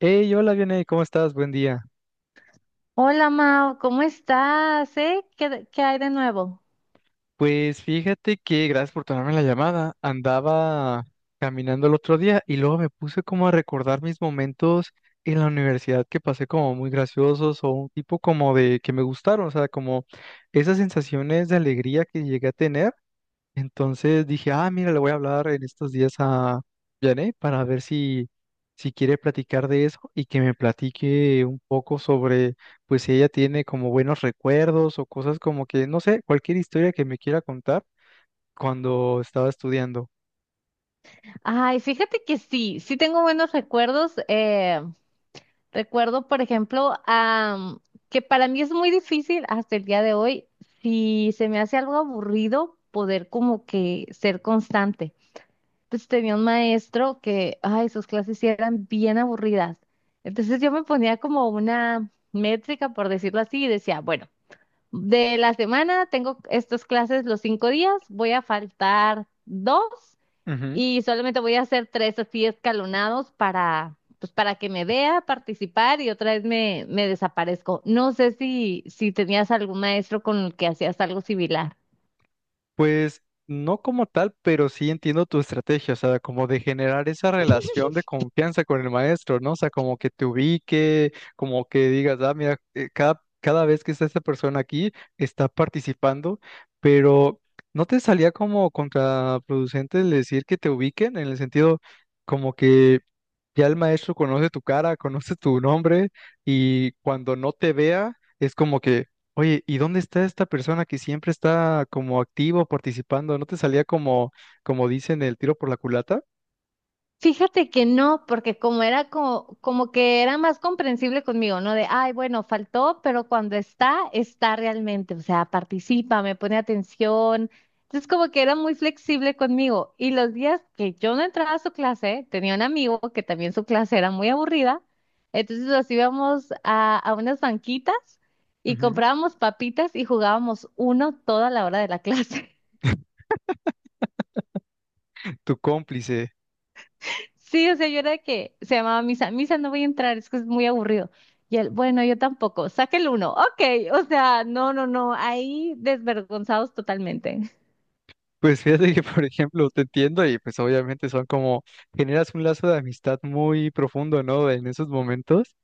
Hey, hola, Vianey, ¿cómo estás? Buen día. Hola Mao, ¿cómo estás? ¿Qué hay de nuevo? Pues fíjate que, gracias por tomarme la llamada, andaba caminando el otro día y luego me puse como a recordar mis momentos en la universidad que pasé como muy graciosos o un tipo como de que me gustaron, o sea, como esas sensaciones de alegría que llegué a tener. Entonces dije, ah, mira, le voy a hablar en estos días a Janet para ver si quiere platicar de eso y que me platique un poco sobre, pues si ella tiene como buenos recuerdos o cosas como que, no sé, cualquier historia que me quiera contar cuando estaba estudiando. Ay, fíjate que sí, tengo buenos recuerdos. Recuerdo, por ejemplo, que para mí es muy difícil hasta el día de hoy, si se me hace algo aburrido, poder como que ser constante. Entonces tenía un maestro que, ay, sus clases sí eran bien aburridas. Entonces yo me ponía como una métrica, por decirlo así, y decía, bueno. De la semana tengo estas clases los cinco días, voy a faltar dos y solamente voy a hacer tres así escalonados para, pues, para que me vea participar y otra vez me desaparezco. No sé si tenías algún maestro con el que hacías algo similar. Pues no como tal, pero sí entiendo tu estrategia, o sea, como de generar esa relación de confianza con el maestro, ¿no? O sea, como que te ubique, como que digas, ah, mira, cada vez que está esta persona aquí, está participando, pero ¿no te salía como contraproducente el decir que te ubiquen en el sentido como que ya el maestro conoce tu cara, conoce tu nombre y cuando no te vea... Es como que, oye, ¿y dónde está esta persona que siempre está como activo participando? ¿No te salía como, como dicen, el tiro por la culata? Fíjate que no, porque como era como, como que era más comprensible conmigo, ¿no? De, ay, bueno, faltó, pero cuando está realmente, o sea, participa, me pone atención. Entonces, como que era muy flexible conmigo. Y los días que yo no entraba a su clase, tenía un amigo que también su clase era muy aburrida. Entonces, nos íbamos a unas banquitas y Ujú. comprábamos papitas y jugábamos uno toda la hora de la clase. Tu cómplice. Sí, o sea, yo era de que se llamaba misa, misa no voy a entrar, es que es muy aburrido. Y él, bueno, yo tampoco, saque el uno, ok, o sea, no, no, no, ahí desvergonzados totalmente. Pues fíjate que, por ejemplo, te entiendo y pues obviamente son como, generas un lazo de amistad muy profundo, ¿no? En esos momentos.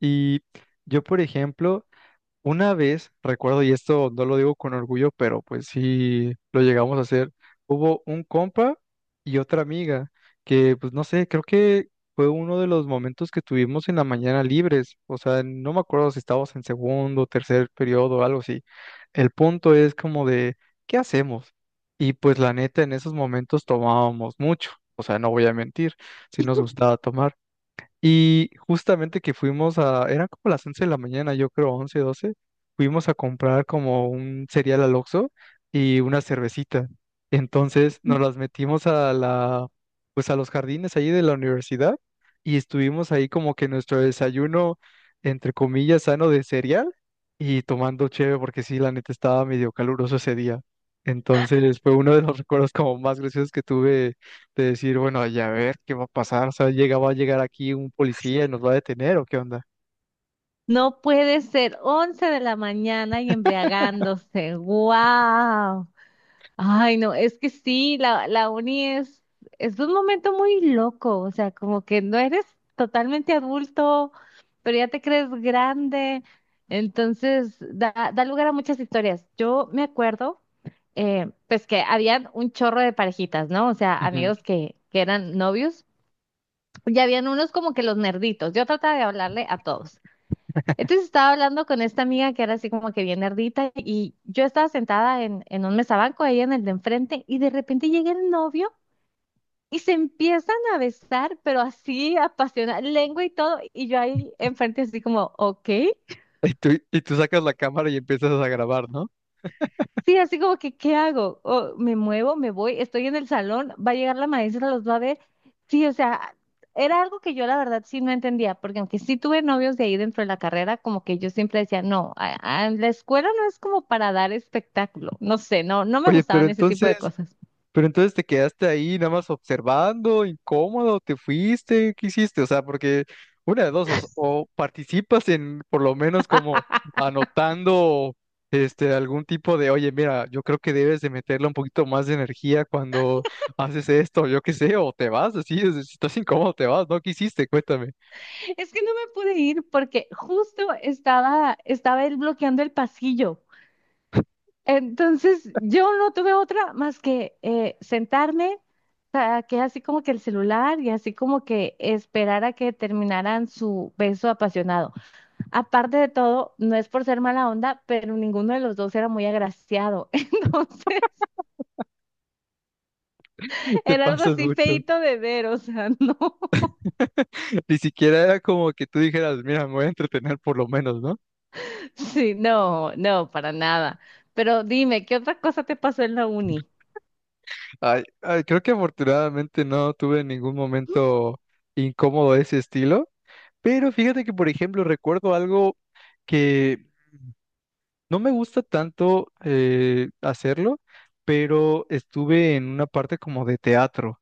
Y yo, por ejemplo, una vez, recuerdo, y esto no lo digo con orgullo, pero pues sí lo llegamos a hacer, hubo un compa y otra amiga que, pues no sé, creo que fue uno de los momentos que tuvimos en la mañana libres, o sea, no me acuerdo si estábamos en segundo, tercer periodo o algo así. El punto es como de, ¿qué hacemos? Y pues la neta, en esos momentos tomábamos mucho, o sea, no voy a mentir, si nos gustaba tomar. Y justamente que fuimos a, eran como las 11 de la mañana, yo creo 11, 12, fuimos a comprar como un cereal al Oxxo y una cervecita. Entonces nos las metimos a la, pues a los jardines ahí de la universidad y estuvimos ahí como que nuestro desayuno, entre comillas, sano de cereal y tomando cheve porque sí, la neta estaba medio caluroso ese día. Entonces fue uno de los recuerdos como más graciosos que tuve de decir, bueno, ya a ver qué va a pasar, o sea, va a llegar aquí un policía y nos va a detener o qué onda. No puede ser, 11 de la mañana y embriagándose, wow. Ay, no, es que sí, la uni es un momento muy loco, o sea, como que no eres totalmente adulto, pero ya te crees grande, entonces da lugar a muchas historias. Yo me acuerdo, pues que habían un chorro de parejitas, ¿no? O sea, Ujú. amigos que eran novios, y habían unos como que los nerditos, yo trataba de hablarle a todos. Entonces estaba hablando con esta amiga que era así como que bien nerdita y yo estaba sentada en un mesabanco, ella en el de enfrente y de repente llega el novio y se empiezan a besar, pero así apasionada, lengua y todo, y yo ahí enfrente así como, ok. Y tú sacas la cámara y empiezas a grabar, ¿no? Sí, así como que, ¿qué hago? O, me muevo, me voy, estoy en el salón, va a llegar la maestra, los va a ver. Sí, o sea, era algo que yo la verdad sí no entendía, porque aunque sí tuve novios de ahí dentro de la carrera, como que yo siempre decía, no, la escuela no es como para dar espectáculo, no sé, no, no me Oye, pero gustaban ese tipo entonces, de cosas. Pero entonces te quedaste ahí nada más observando, incómodo, te fuiste, ¿qué hiciste? O sea, porque una de dos, o participas en por lo menos como anotando este algún tipo de, oye, mira, yo creo que debes de meterle un poquito más de energía cuando haces esto, yo qué sé, o te vas, así, si estás incómodo, te vas, ¿no? ¿Qué hiciste? Cuéntame. Es que no me pude ir porque justo estaba él bloqueando el pasillo. Entonces yo no tuve otra más que sentarme, saqué así como que el celular y así como que esperar a que terminaran su beso apasionado. Aparte de todo, no es por ser mala onda, pero ninguno de los dos era muy agraciado. Entonces Te era algo pasas así mucho. feíto de ver, o sea, no, Ni siquiera era como que tú dijeras, mira, me voy a entretener por lo menos, ¿no? sí, no, no, para nada. Pero dime, ¿qué otra cosa te pasó en la uni? Ay, ay, creo que afortunadamente no tuve ningún momento incómodo de ese estilo, pero fíjate que, por ejemplo, recuerdo algo que no me gusta tanto hacerlo, pero estuve en una parte como de teatro.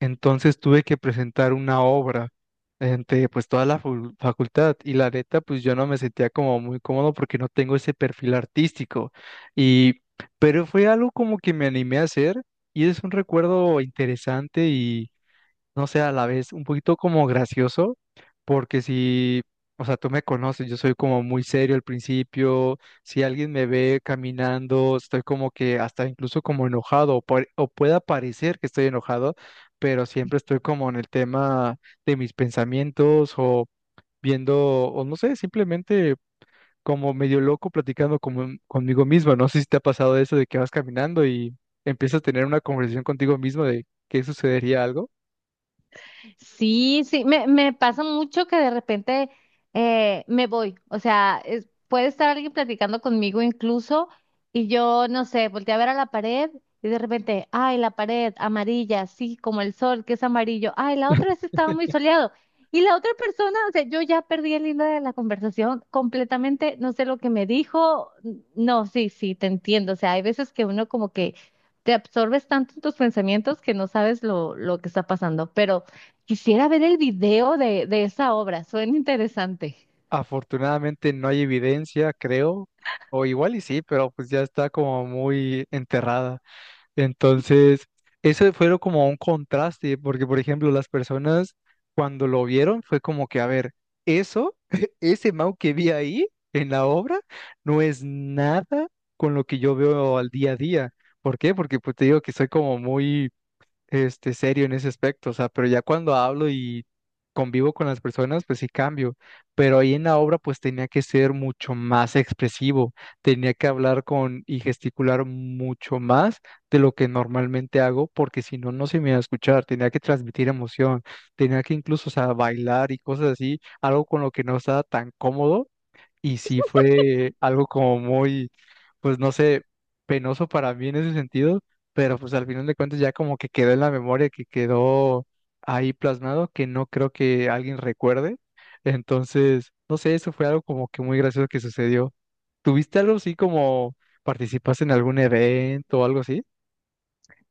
Entonces tuve que presentar una obra ante pues toda la facultad y la neta pues yo no me sentía como muy cómodo porque no tengo ese perfil artístico y pero fue algo como que me animé a hacer y es un recuerdo interesante, no sé, a la vez un poquito como gracioso, porque si, o sea, tú me conoces, yo soy como muy serio al principio, si alguien me ve caminando, estoy como que hasta incluso como enojado, o pueda parecer que estoy enojado, pero siempre estoy como en el tema de mis pensamientos o viendo, o no sé, simplemente como medio loco platicando como, conmigo mismo. No sé si te ha pasado eso de que vas caminando y empiezas a tener una conversación contigo mismo de qué sucedería algo. Sí, me pasa mucho que de repente me voy, o sea, puede estar alguien platicando conmigo incluso y yo, no sé, volteé a ver a la pared y de repente, ay, la pared amarilla, sí, como el sol, que es amarillo, ay, la otra vez estaba muy soleado y la otra persona, o sea, yo ya perdí el hilo de la conversación completamente, no sé lo que me dijo, no, sí, sí, te entiendo, o sea, hay veces que uno como que te absorbes tanto en tus pensamientos que no sabes lo que está pasando, pero... Quisiera ver el video de esa obra, suena interesante. Afortunadamente no hay evidencia, creo, o igual y sí, pero pues ya está como muy enterrada. Entonces, eso fue como un contraste, porque por ejemplo, las personas cuando lo vieron fue como que, a ver, eso, ese Mau que vi ahí en la obra, no es nada con lo que yo veo al día a día. ¿Por qué? Porque pues te digo que soy como muy serio en ese aspecto, o sea, pero ya cuando hablo y convivo con las personas, pues sí cambio, pero ahí en la obra pues tenía que ser mucho más expresivo, tenía que hablar con y gesticular mucho más de lo que normalmente hago, porque si no, no se me iba a escuchar, tenía que transmitir emoción, tenía que incluso, o sea, bailar y cosas así, algo con lo que no estaba tan cómodo y sí fue algo como muy, pues no sé, penoso para mí en ese sentido, pero pues al final de cuentas ya como que quedó en la memoria, que quedó ahí plasmado, que no creo que alguien recuerde. Entonces, no sé, eso fue algo como que muy gracioso que sucedió. ¿Tuviste algo así como participaste en algún evento o algo así?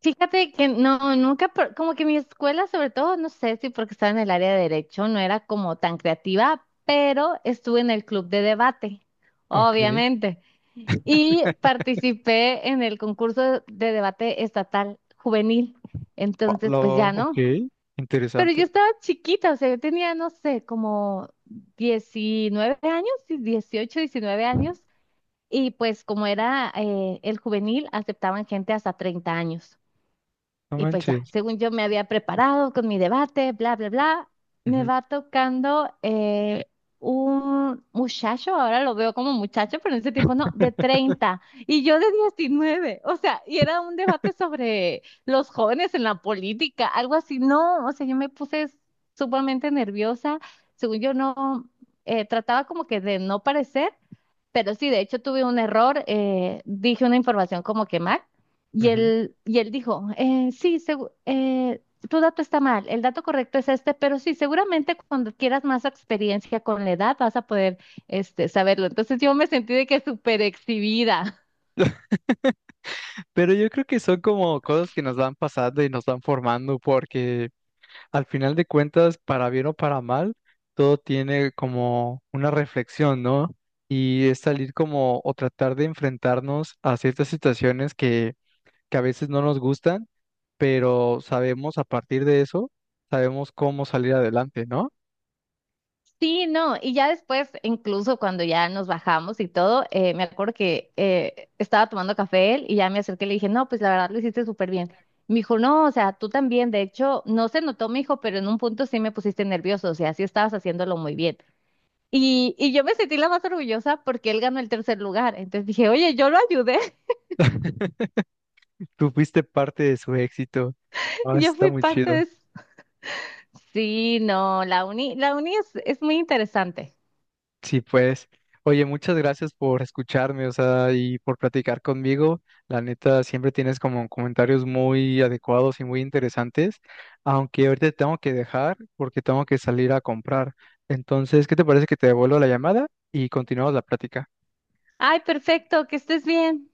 Fíjate que no, nunca, como que mi escuela, sobre todo, no sé si porque estaba en el área de derecho, no era como tan creativa, pero estuve en el club de debate, Ok. obviamente, y participé en el concurso de debate estatal juvenil. Ah, Entonces, pues Lo, ya ok, no. Pero yo interesante. estaba chiquita, o sea, yo tenía, no sé, como 19 años, sí, 18 19 años. Y pues como era el juvenil, aceptaban gente hasta 30 años. No Y pues ya, manches. según yo me había preparado con mi debate, bla, bla, bla, me Ujú, va tocando un muchacho, ahora lo veo como muchacho, pero en ese tiempo no, de 30 y yo de 19. O sea, y era un debate sobre los jóvenes en la política, algo así. No, o sea, yo me puse sumamente nerviosa. Según yo no, trataba como que de no parecer. Pero sí, de hecho tuve un error, dije una información como que mal ujú. Y él dijo, sí, tu dato está mal, el dato correcto es este, pero sí, seguramente cuando quieras más experiencia con la edad vas a poder este, saberlo. Entonces yo me sentí de que súper exhibida. Pero yo creo que son como cosas que nos van pasando y nos van formando, porque al final de cuentas, para bien o para mal, todo tiene como una reflexión, ¿no? Y es salir como o tratar de enfrentarnos a ciertas situaciones que a veces no nos gustan, pero sabemos a partir de eso, sabemos cómo salir adelante, ¿no? Sí, no, y ya después, incluso cuando ya nos bajamos y todo, me acuerdo que estaba tomando café él y ya me acerqué y le dije, no, pues la verdad lo hiciste súper bien. Me dijo, no, o sea, tú también, de hecho, no se notó, me dijo, pero en un punto sí me pusiste nervioso, o sea, sí estabas haciéndolo muy bien. Y yo me sentí la más orgullosa porque él ganó el tercer lugar, entonces dije, oye, yo lo ayudé, Tú fuiste parte de su éxito. Ah, yo está fui muy parte de chido. eso. Sí, no, la uni es muy interesante. Sí, pues. Oye, muchas gracias por escucharme, o sea, y por platicar conmigo. La neta, siempre tienes como comentarios muy adecuados y muy interesantes, aunque ahorita te tengo que dejar porque tengo que salir a comprar. Entonces, ¿qué te parece que te devuelvo la llamada y continuamos la plática? Ay, perfecto, que estés bien.